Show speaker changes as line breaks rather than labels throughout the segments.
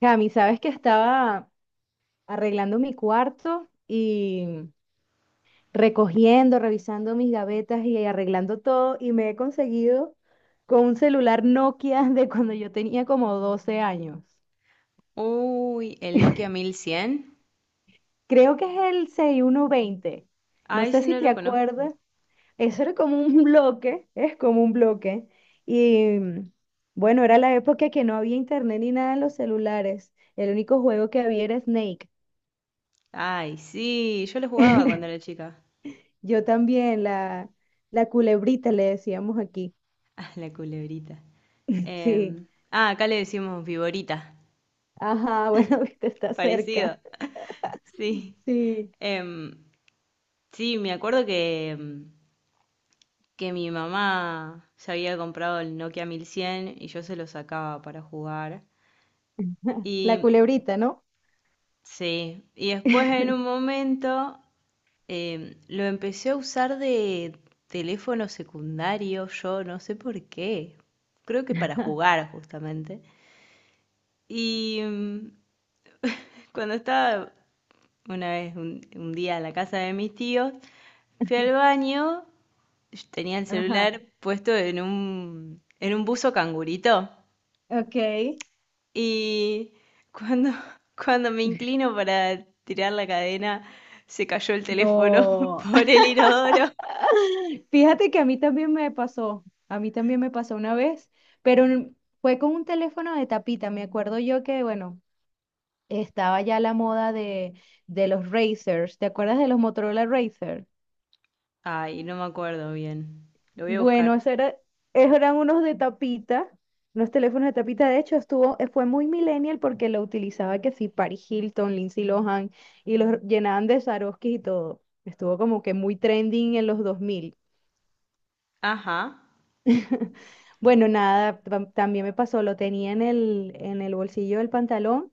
Cami, sabes que estaba arreglando mi cuarto y recogiendo, revisando mis gavetas y arreglando todo y me he conseguido con un celular Nokia de cuando yo tenía como 12 años.
Uy, el Nokia 1100.
Creo que es el 6120. No
Ay,
sé
ese
si
no
te
lo conozco.
acuerdas. Eso era como un bloque, es como un bloque. Y bueno, era la época que no había internet ni nada en los celulares. El único juego que había era Snake.
Ay, sí, yo lo jugaba cuando era chica.
Yo también, la culebrita le decíamos aquí.
Ah, la culebrita.
Sí.
Acá le decimos viborita.
Ajá, bueno, viste, está cerca.
Parecido. Sí.
Sí,
Em, sí, me acuerdo que, que mi mamá se había comprado el Nokia 1100 y yo se lo sacaba para jugar.
la
Y
culebrita, ¿no?
sí, y después en un momento lo empecé a usar de teléfono secundario, yo no sé por qué. Creo que para jugar justamente. Y cuando estaba una vez, un día en la casa de mis tíos, fui al baño, yo tenía el
Ajá.
celular puesto en en un buzo cangurito.
Ok.
Y cuando, cuando me inclino para tirar la cadena, se cayó el teléfono
No.
por el inodoro.
Fíjate que a mí también me pasó, a mí también me pasó una vez, pero fue con un teléfono de tapita. Me acuerdo yo que, bueno, estaba ya la moda de los Razers. ¿Te acuerdas de los Motorola Razer?
Ay, no me acuerdo bien. Lo voy a
Bueno,
buscar.
eso era, esos eran unos de tapita, unos teléfonos de tapita. De hecho, fue muy millennial porque lo utilizaba que sí, Paris Hilton, Lindsay Lohan, y los llenaban de Swarovski y todo. Estuvo como que muy trending en los 2000.
Ajá.
Bueno, nada, también me pasó, lo tenía en el bolsillo del pantalón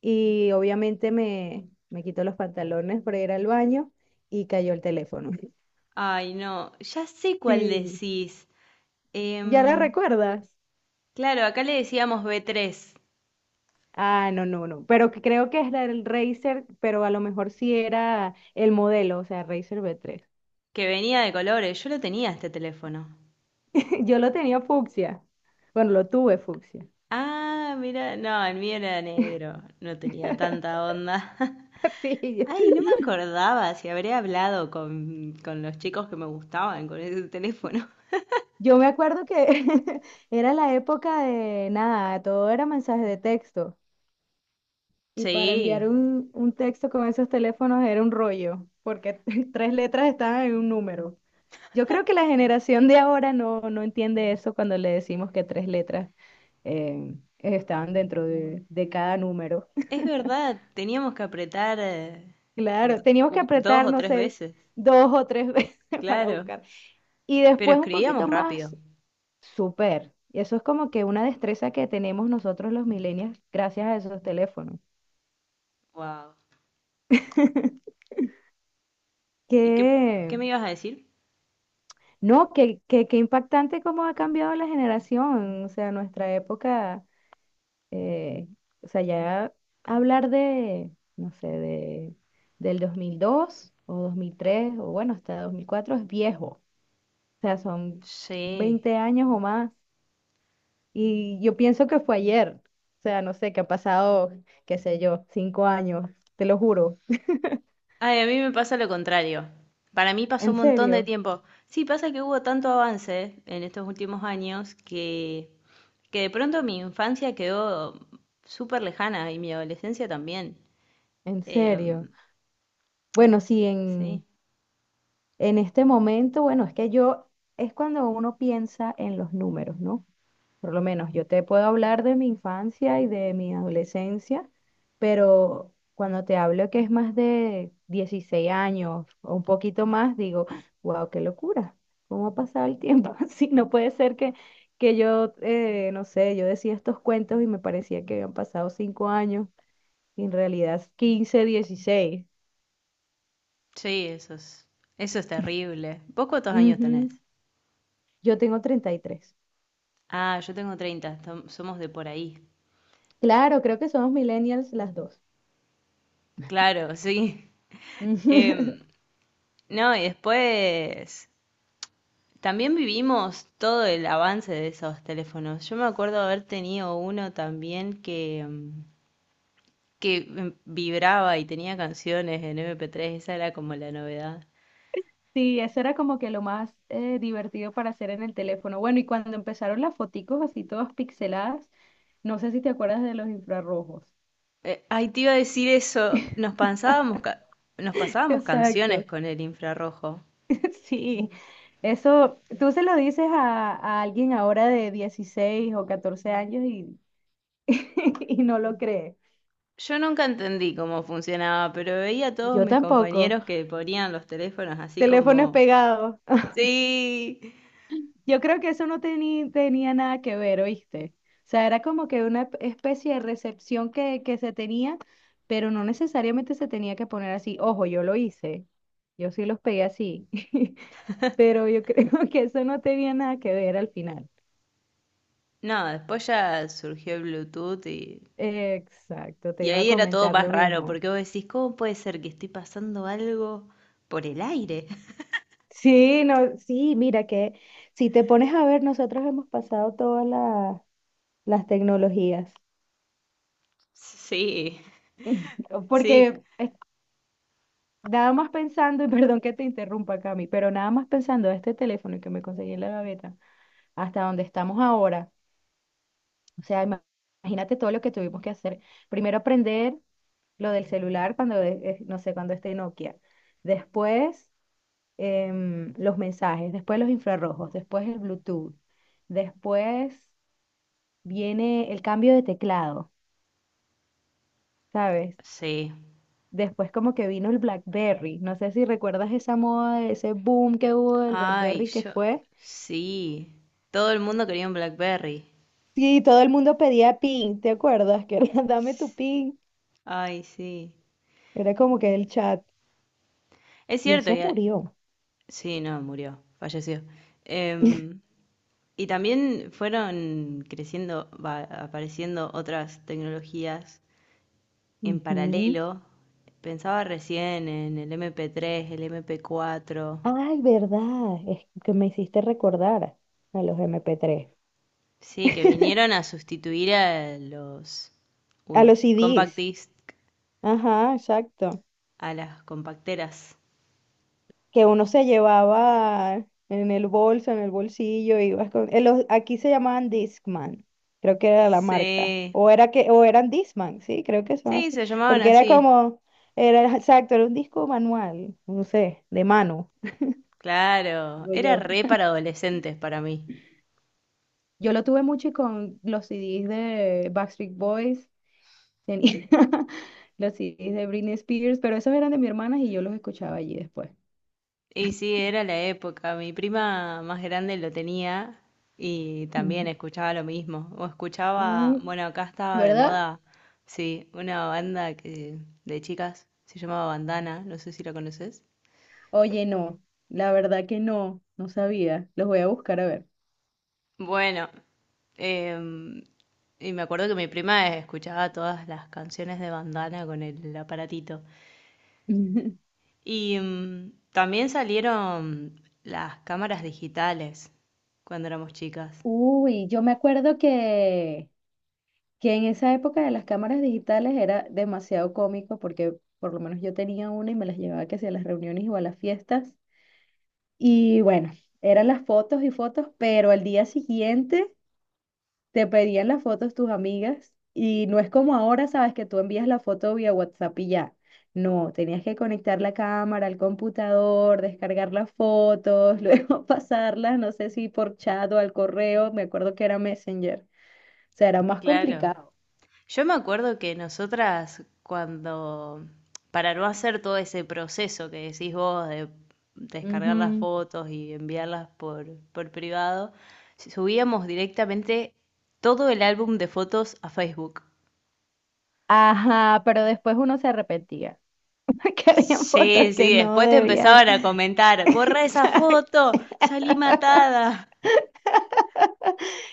y obviamente me quito los pantalones para ir al baño y cayó el teléfono.
Ay, no. Ya sé cuál
Sí.
decís.
¿Ya la
Em,
recuerdas?
claro, acá le decíamos B3,
Ah, no, no, no. Pero que creo que es el del Razer, pero a lo mejor sí era el modelo, o sea, Razer V3.
que venía de colores. Yo lo tenía este teléfono.
Yo lo tenía fucsia. Bueno, lo tuve fucsia.
Ah, mira, no, el mío era negro. No tenía tanta onda.
Sí,
Ay,
yo
no me acordaba si habré hablado con los chicos que me gustaban con ese teléfono.
yo me acuerdo que era la época de nada, todo era mensaje de texto. Y para enviar
Sí,
un texto con esos teléfonos era un rollo, porque tres letras estaban en un número. Yo creo que la generación de ahora no entiende eso cuando le decimos que tres letras estaban dentro de cada número.
es verdad. Teníamos que apretar
Claro,
d-
teníamos que
dos
apretar,
o
no
tres
sé,
veces.
dos o tres veces para
Claro.
buscar. Y
Pero
después un
escribíamos
poquito
rápido.
más, súper. Y eso es como que una destreza que tenemos nosotros los millennials gracias a esos teléfonos.
Wow. ¿Y qué,
Que,
qué me ibas a decir?
no, que impactante cómo ha cambiado la generación. O sea, nuestra época eh, o sea, ya hablar de, no sé, del 2002 o 2003 o bueno, hasta 2004 es viejo. O sea, son
Sí.
20 años o más. Y yo pienso que fue ayer. O sea, no sé, que ha pasado, qué sé yo, 5 años, te lo juro.
Ay, a mí me pasa lo contrario. Para mí pasó
En
un montón de
serio.
tiempo. Sí, pasa que hubo tanto avance en estos últimos años que de pronto mi infancia quedó súper lejana y mi adolescencia también.
En
Em,
serio. Bueno, sí,
sí,
en este momento, bueno, es cuando uno piensa en los números, ¿no? Por lo menos yo te puedo hablar de mi infancia y de mi adolescencia, pero cuando te hablo que es más de 16 años o un poquito más, digo, wow, qué locura, ¿cómo ha pasado el tiempo? Así no puede ser que, no sé, yo decía estos cuentos y me parecía que habían pasado 5 años, y en realidad 15, 16.
sí, eso es, eso es terrible. ¿Vos cuántos años tenés?
Ujú. Yo tengo 33.
Ah, yo tengo somos de por ahí.
Claro, creo que somos millennials las dos.
Claro, sí. Em, no, y después también vivimos todo el avance de esos teléfonos. Yo me acuerdo haber tenido uno también que, que vibraba y tenía canciones en MP3, esa era como la novedad.
Sí, eso era como que lo más divertido para hacer en el teléfono. Bueno, y cuando empezaron las foticos así todas pixeladas, no sé si te acuerdas de los infrarrojos.
Ay, te iba a decir eso, nos pasábamos canciones
Exacto.
con el infrarrojo.
Sí, eso, tú se lo dices a alguien ahora de 16 o 14 años y, y no lo cree.
Yo nunca entendí cómo funcionaba, pero veía a todos
Yo
mis
tampoco.
compañeros que ponían los teléfonos así
Teléfonos
como...
pegados.
Sí.
Yo creo que eso no tenía nada que ver, ¿oíste? O sea, era como que una especie de recepción que se tenía, pero no necesariamente se tenía que poner así. Ojo, yo lo hice. Yo sí los pegué así. Pero yo creo que eso no tenía nada que ver al final.
No, después ya surgió el Bluetooth y
Exacto, te
Y
iba a
ahí era todo
comentar
más
lo
raro,
mismo.
porque vos decís, ¿cómo puede ser que estoy pasando algo por el aire?
Sí, no, sí, mira que si te pones a ver, nosotros hemos pasado todas las tecnologías.
Sí, sí,
Porque. Nada más pensando, y perdón que te interrumpa, Cami, pero nada más pensando de este teléfono que me conseguí en la gaveta, hasta donde estamos ahora. O sea, imagínate todo lo que tuvimos que hacer. Primero aprender lo del celular cuando, no sé, cuando esté Nokia. Después los mensajes, después los infrarrojos, después el Bluetooth. Después viene el cambio de teclado, ¿sabes?
sí.
Después como que vino el BlackBerry. No sé si recuerdas esa moda, ese boom que hubo del
Ay,
BlackBerry que
yo,
fue.
sí. Todo el mundo quería un BlackBerry.
Sí, todo el mundo pedía pin, ¿te acuerdas? Que era, dame tu pin.
Ay, sí.
Era como que el chat.
Es
Y
cierto,
eso
ya...
murió.
sí, no, murió, falleció. Em, y también fueron creciendo, va, apareciendo otras tecnologías en
Ujú.
paralelo. Pensaba recién en el MP3, el MP4.
Ay, verdad. Es que me hiciste recordar a los MP3.
Sí, que vinieron a sustituir a los,
A
uy,
los
compact
CDs.
disc,
Ajá, exacto.
a las compacteras.
Que uno se llevaba en el bolso, en el bolsillo, ibas con, aquí se llamaban Discman, creo que era la marca,
Sí,
o eran Discman, sí, creo que son
sí,
así,
se llamaban
porque era
así.
como, era exacto, era un disco manual, no sé, de mano,
Claro,
digo
era
yo.
re para adolescentes para mí.
Yo lo tuve mucho y con los CDs de Backstreet Boys, tenía los CDs de Britney Spears, pero esos eran de mi hermana y yo los escuchaba allí después.
Y sí, era la época. Mi prima más grande lo tenía y también
Ujú.
escuchaba lo mismo. O escuchaba,
Mm,
bueno, acá estaba de
¿verdad?
moda, sí, una banda que de chicas se llamaba Bandana, no sé si la conoces.
Oye, no, la verdad que no, no sabía. Los voy a buscar a ver.
Bueno, em, y me acuerdo que mi prima escuchaba todas las canciones de Bandana con el aparatito. Y también salieron las cámaras digitales cuando éramos chicas.
Uy, yo me acuerdo que en esa época de las cámaras digitales era demasiado cómico porque por lo menos yo tenía una y me las llevaba que sea a las reuniones o a las fiestas. Y bueno, eran las fotos y fotos, pero al día siguiente te pedían las fotos tus amigas y no es como ahora, sabes, que tú envías la foto vía WhatsApp y ya. No, tenías que conectar la cámara al computador, descargar las fotos, luego pasarlas, no sé si por chat o al correo, me acuerdo que era Messenger. O sea, era más
Claro.
complicado.
Yo me acuerdo que nosotras cuando, para no hacer todo ese proceso que decís vos de descargar las
Ujú.
fotos y enviarlas por privado, subíamos directamente todo el álbum de fotos a Facebook.
Ajá, pero después uno se arrepentía, que habían fotos
Sí,
que
sí,
no
después te
debían.
empezaban a comentar, borra esa
Exacto.
foto, salí matada.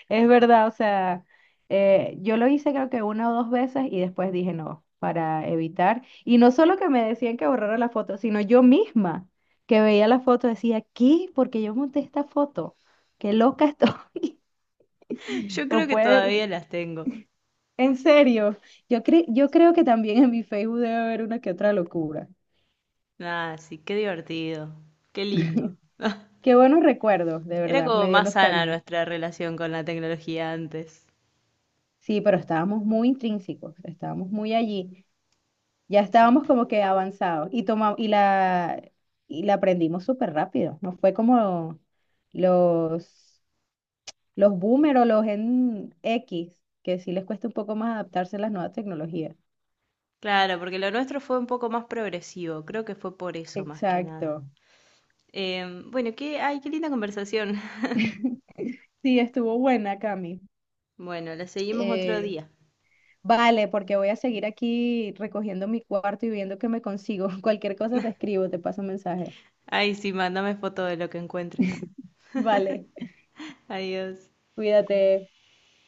Es verdad, o sea, yo lo hice creo que una o dos veces y después dije no, para evitar. Y no solo que me decían que borrara la foto, sino yo misma que veía la foto decía, ¿qué? Porque yo monté esta foto. Qué loca estoy.
Yo
O
creo que
puede,
todavía las tengo.
en serio, yo creo que también en mi Facebook debe haber una que otra locura.
Ah, sí, qué divertido, qué lindo.
Qué buenos recuerdos, de
Era
verdad,
como
me dio
más sana
nostalgia.
nuestra relación con la tecnología antes.
Sí, pero estábamos muy intrínsecos, estábamos muy allí. Ya
Sí.
estábamos como que avanzados y la aprendimos súper rápido. No fue como los los boomer o los en X, que sí les cuesta un poco más adaptarse a las nuevas tecnologías.
Claro, porque lo nuestro fue un poco más progresivo, creo que fue por eso más que nada.
Exacto.
Bueno, qué, ay, qué linda conversación.
Sí, estuvo buena, Cami.
Bueno, la seguimos otro
Eh,
día.
vale, porque voy a seguir aquí recogiendo mi cuarto y viendo qué me consigo. Cualquier cosa te escribo, te paso un mensaje.
Ay, sí, mándame foto de lo que encuentres.
Vale,
Adiós.
cuídate.